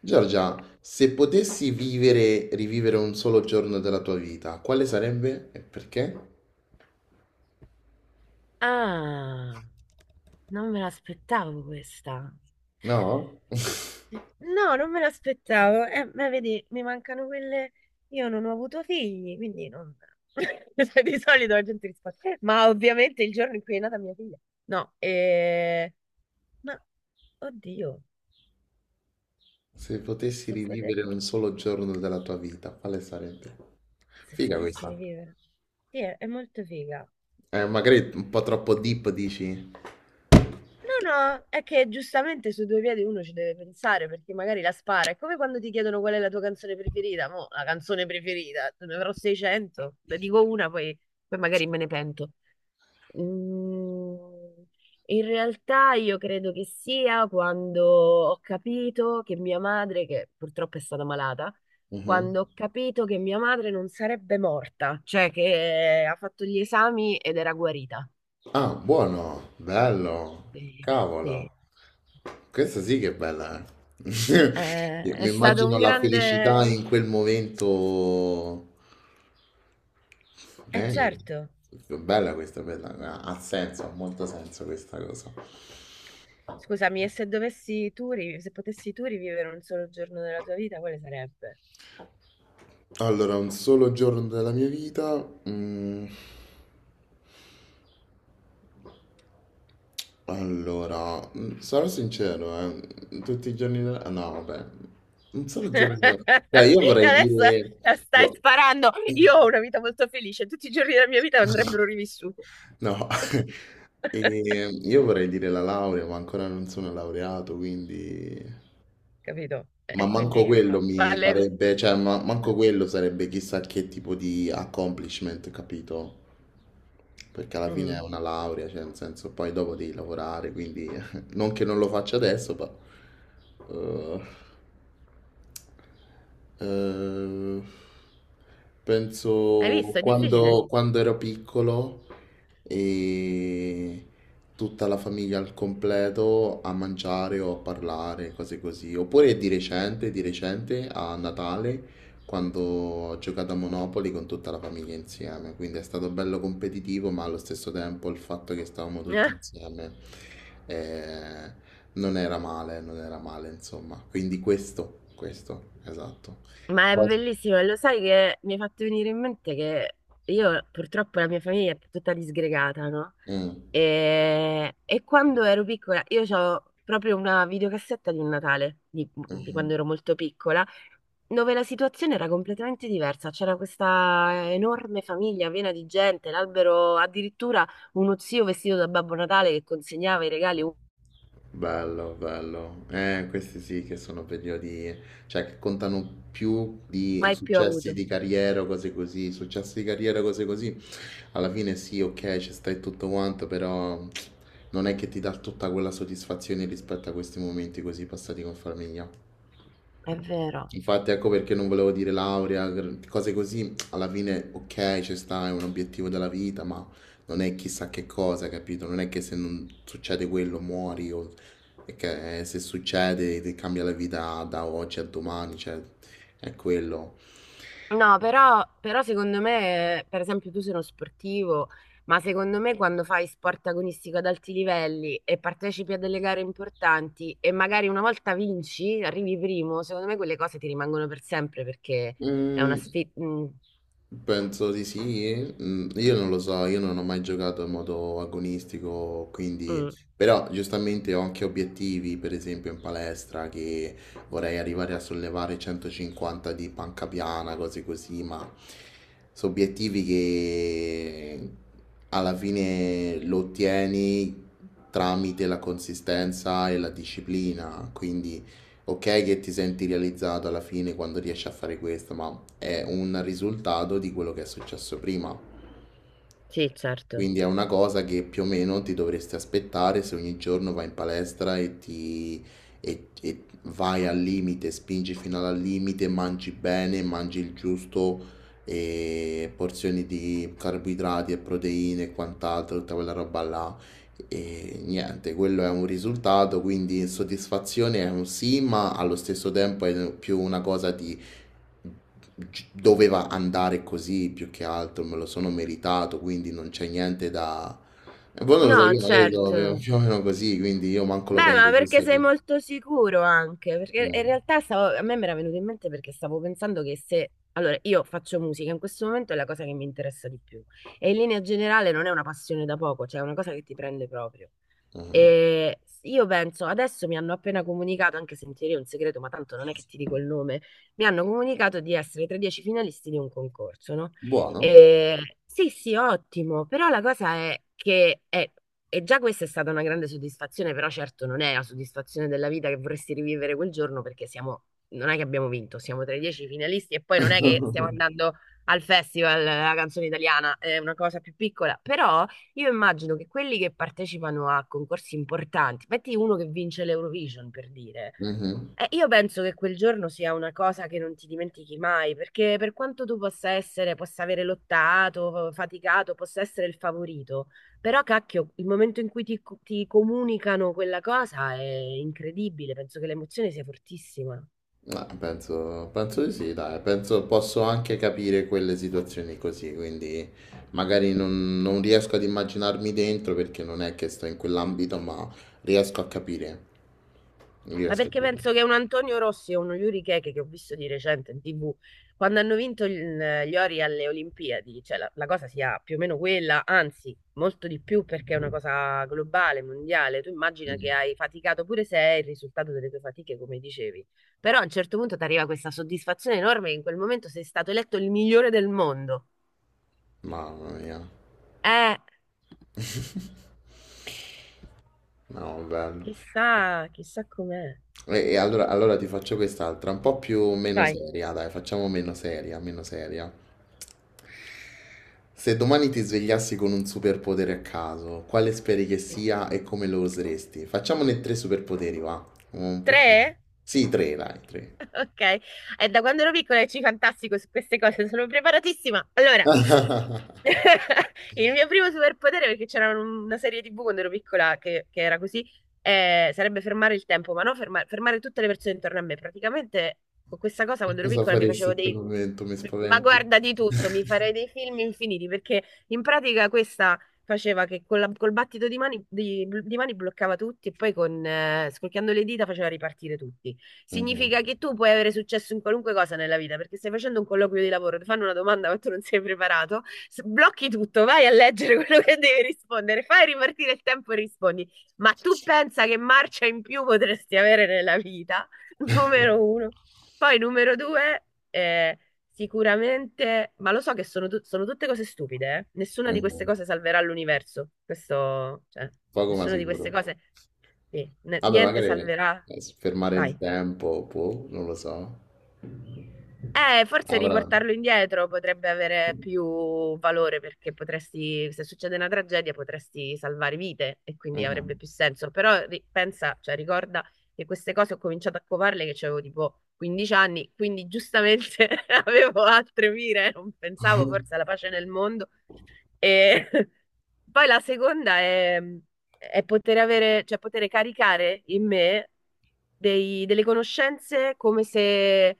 Giorgia, se potessi vivere, rivivere un solo giorno della tua vita, quale sarebbe e perché? Ah, non me l'aspettavo questa. No? No, non me l'aspettavo. Ma vedi, mi mancano quelle. Io non ho avuto figli, quindi non. Cioè, di solito la gente risponde. Ma ovviamente il giorno in cui è nata mia figlia." No, ma oddio, Se potessi se pote- rivivere un solo giorno della tua vita, quale sarebbe? se Figa potessi questa. rivivere. Sì, è molto figa. Magari un po' troppo deep, dici? No, no, è che giustamente su due piedi uno ci deve pensare perché magari la spara. È come quando ti chiedono qual è la tua canzone preferita. Mo, la canzone preferita, te ne avrò 600, ne dico una, poi magari me ne pento. Mm, in realtà io credo che sia quando ho capito che mia madre, che purtroppo è stata malata, Mhm. quando ho capito che mia madre non sarebbe morta, cioè che ha fatto gli esami ed era guarita. Ah, buono, bello, Eh, cavolo. Sì. Questa sì che è bella, eh. Io È mi stato immagino un la felicità grande... in quel momento. Eh certo, Bella questa, bella, ha ha senso, ha molto senso questa cosa. scusami, e se dovessi tu, se potessi tu rivivere un solo giorno della tua vita, quale sarebbe? Allora, un solo giorno della mia vita. mm, allora, sarò sincero, tutti i giorni della... No, vabbè, un solo giorno della... Cioè, io E vorrei adesso dire... stai boh. sparando. Io ho una vita molto felice, tutti i giorni della mia vita andrebbero rivissuti. No. E io vorrei dire la laurea, ma ancora non sono laureato, quindi... Capito? Ma E manco quindi quello mi vale. farebbe, cioè manco quello sarebbe chissà che tipo di accomplishment, capito? Perché alla fine è Mm. una laurea, cioè nel senso poi dopo devi lavorare, quindi non che non lo faccia adesso, ma... eh, eh, Hai penso visto? È difficile. quando ero piccolo e tutta la famiglia al completo a mangiare o a parlare, cose così. Oppure di recente a Natale, quando ho giocato a Monopoli con tutta la famiglia insieme. Quindi è stato bello competitivo, ma allo stesso tempo il fatto che stavamo tutti Eh? insieme. eh, non era male, non era male, insomma. Quindi questo, esatto. Ma è Quasi. bellissimo, e lo sai che mi hai fatto venire in mente che io purtroppo la mia famiglia è tutta disgregata, no? Mm, E quando ero piccola, io ho proprio una videocassetta di un Natale, di mhm. quando ero molto piccola, dove la situazione era completamente diversa. C'era questa enorme famiglia piena di gente, l'albero, addirittura uno zio vestito da Babbo Natale che consegnava i regali Bello, bello. Questi sì che sono periodi, cioè che contano più di mai più successi avuto. di carriera o cose così. Successi di carriera, cose così. Alla fine sì, ok, ci stai tutto quanto, però non è che ti dà tutta quella soddisfazione rispetto a questi momenti così passati con famiglia. È vero. Infatti ecco perché non volevo dire laurea, cose così, alla fine ok, ci sta, è un obiettivo della vita, ma non è chissà che cosa, capito? Non è che se non succede quello muori o è che se succede ti cambia la vita da oggi a domani, cioè è quello. No, però secondo me, per esempio, tu sei uno sportivo, ma secondo me quando fai sport agonistico ad alti livelli e partecipi a delle gare importanti e magari una volta vinci, arrivi primo, secondo me quelle cose ti rimangono per sempre perché è una Mm, sfida. penso di sì. Mm, io non lo so, io non ho mai giocato in modo agonistico, quindi però giustamente ho anche obiettivi, per esempio in palestra, che vorrei arrivare a sollevare 150 di panca piana, cose così, ma sono obiettivi che alla fine lo ottieni tramite la consistenza e la disciplina, quindi ok che ti senti realizzato alla fine quando riesci a fare questo, ma è un risultato di quello che è successo prima. Sì, certo. Quindi è una cosa che più o meno ti dovresti aspettare se ogni giorno vai in palestra e ti e vai al limite, spingi fino al limite, mangi bene, mangi il giusto, e porzioni di carboidrati e proteine e quant'altro, tutta quella roba là. E niente, quello è un risultato, quindi soddisfazione è un sì, ma allo stesso tempo è più una cosa di doveva andare così più che altro, me lo sono meritato, quindi non c'è niente da... E poi non lo so, No, io magari lo certo. avevo più o meno così, quindi io manco lo Beh, ma prendo giusto perché sei che... molto sicuro anche? Perché eh, in realtà a me mi era venuto in mente perché stavo pensando che se... Allora, io faccio musica, in questo momento è la cosa che mi interessa di più. E in linea generale non è una passione da poco, cioè è una cosa che ti prende proprio. eh. E io penso, adesso mi hanno appena comunicato, anche se in teoria è un segreto, ma tanto non è che ti dico il nome, mi hanno comunicato di essere tra i dieci finalisti di un concorso, no? Buono. E, sì, sì, ottimo, però la cosa è e già questa è stata una grande soddisfazione, però certo non è la soddisfazione della vita che vorresti rivivere quel giorno perché siamo, non è che abbiamo vinto, siamo tra i dieci finalisti e poi non è che stiamo andando al festival, la canzone italiana, è una cosa più piccola, però io immagino che quelli che partecipano a concorsi importanti, metti uno che vince l'Eurovision per dire, Mhm. Io penso che quel giorno sia una cosa che non ti dimentichi mai, perché per quanto tu possa essere, possa avere lottato, faticato, possa essere il favorito, però cacchio, il momento in cui ti comunicano quella cosa è incredibile, penso che l'emozione sia fortissima. Penso, penso di sì, dai, penso posso anche capire quelle situazioni così, quindi magari non, non riesco ad immaginarmi dentro perché non è che sto in quell'ambito, ma riesco a capire. Ma Riesco a perché capire. penso che un Antonio Rossi e uno Yuri Keke che ho visto di recente in TV, quando hanno vinto gli ori alle Olimpiadi, cioè la cosa sia più o meno quella, anzi, molto di più perché è una cosa globale, mondiale. Tu immagina che Mhm. hai faticato pure se è il risultato delle tue fatiche, come dicevi. Però a un certo punto ti arriva questa soddisfazione enorme che in quel momento sei stato eletto il migliore del mondo. Mamma mia. Eh, No, bello. chissà, chissà com'è. Allora, allora ti faccio quest'altra, un po' più meno Vai. seria, dai, facciamo meno seria, meno seria. Se domani ti svegliassi con un superpotere a caso, quale speri che Sì. sia e come lo useresti? Facciamone tre superpoteri, va. Un po' più. Tre? Sì, tre, dai, tre. Ok, è da quando ero piccola che ci fantastico su queste cose, sono preparatissima. Allora, il mio primo superpotere, perché c'era una serie TV quando ero piccola che era così, sarebbe fermare il tempo, ma no, fermare tutte le persone intorno a me. Praticamente con questa cosa Che quando ero cosa piccola mi faresti facevo in quel dei momento? Mi ma spaventi. guarda di tutto, mi farei dei film infiniti perché in pratica questa faceva che con col battito di mani, di mani bloccava tutti e poi con, scorchiando le dita faceva ripartire tutti. Mhm, Significa che tu puoi avere successo in qualunque cosa nella vita perché stai facendo un colloquio di lavoro, ti fanno una domanda ma tu non sei preparato, blocchi tutto, vai a leggere quello che devi rispondere, fai ripartire il tempo e rispondi. Ma tu pensa che marcia in più potresti avere nella vita? Numero uno. Poi numero due... eh, sicuramente, ma lo so che sono tutte cose stupide, eh. Nessuna di queste mhm. cose salverà l'universo. Questo, cioè, Poco ma nessuna di queste sicuro. cose, sì, Vabbè, niente magari salverà. Fermare il Vai. tempo, può, non lo so. Forse Avrà. riportarlo indietro potrebbe avere più valore perché potresti, se succede una tragedia, potresti salvare vite e quindi avrebbe Mhm. più senso. Però pensa, cioè ricorda che queste cose ho cominciato a covarle che avevo tipo 15 anni, quindi giustamente avevo altre mire, non pensavo forse alla pace nel mondo e poi la seconda è poter avere, cioè poter caricare in me delle conoscenze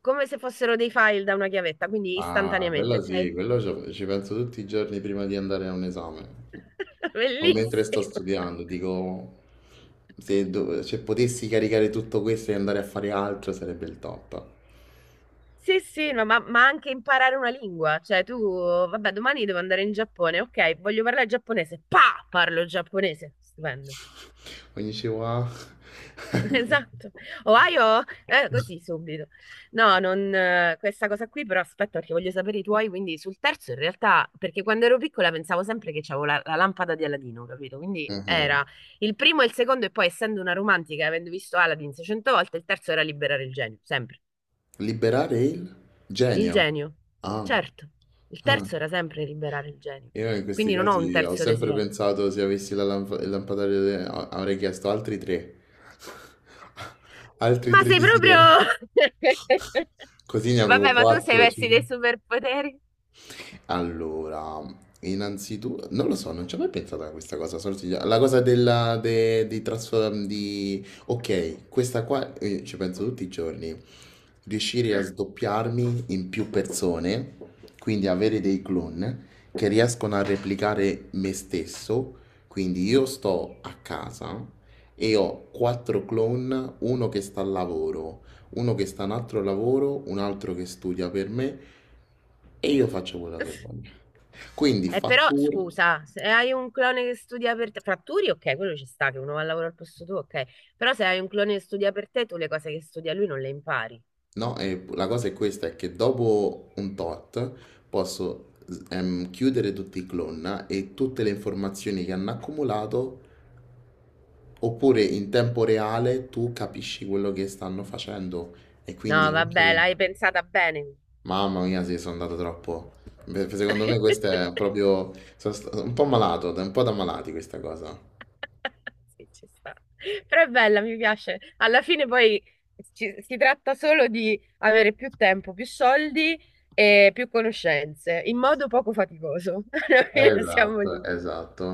come se fossero dei file da una chiavetta, quindi Ah, quello istantaneamente, cioè sì, quello ci penso tutti i giorni prima di andare a un esame. O mentre sto bellissimo. studiando, dico, se, se potessi caricare tutto questo e andare a fare altro sarebbe il top. Sì, sì, no, ma anche imparare una lingua, cioè tu, vabbè, domani devo andare in Giappone, ok, voglio parlare giapponese, pa, parlo giapponese, stupendo. Ogni ci va. Esatto, Ohio? Così subito. No, non, questa cosa qui, però aspetta perché voglio sapere i tuoi, quindi sul terzo in realtà, perché quando ero piccola pensavo sempre che c'avevo la lampada di Aladino, capito? Quindi Mhm. era il primo e il secondo e poi essendo una romantica, avendo visto Aladdin 600 volte, il terzo era liberare il genio, sempre. Liberare il Il genio. genio, Ah, certo, il ah. terzo era sempre liberare il genio, Io in questi quindi non ho un casi ho terzo sempre desiderio. pensato se avessi la il lampadario, avrei chiesto altri 3. Altri Ma tre sei proprio... desideri. Così ne avevo Vabbè, ma tu sei 4. messi dei superpoteri? Allora, innanzitutto, non lo so, non ci ho mai pensato a questa cosa. Solo la cosa della, di trasformare, di... Ok, questa qua ci penso tutti i giorni. Riuscire a sdoppiarmi in più persone, quindi avere dei clone che riescono a replicare me stesso. Quindi io sto a casa e ho 4 clone, uno che sta al lavoro, uno che sta a un altro lavoro, un altro che studia per me e io faccio quello che voglio. Quindi Però fatturo, scusa, se hai un clone che studia per te, fratturi, ok, quello ci sta, che uno va a lavorare al posto tuo, ok. Però se hai un clone che studia per te, tu le cose che studia lui non le impari. no? E la cosa è questa, è che dopo un tot posso chiudere tutti i clone no, e tutte le informazioni che hanno accumulato, oppure in tempo reale tu capisci quello che stanno facendo e No, quindi vabbè, anche... l'hai pensata bene. Mamma mia, sì, sono andato troppo. Beh, secondo me questo è proprio... Sono un po' malato, un po' da malati questa cosa. Sì, ci sta. Però è bella, mi piace. Alla fine poi si tratta solo di avere più tempo, più soldi e più conoscenze, in modo poco faticoso. Alla fine siamo Esatto, lì. esatto.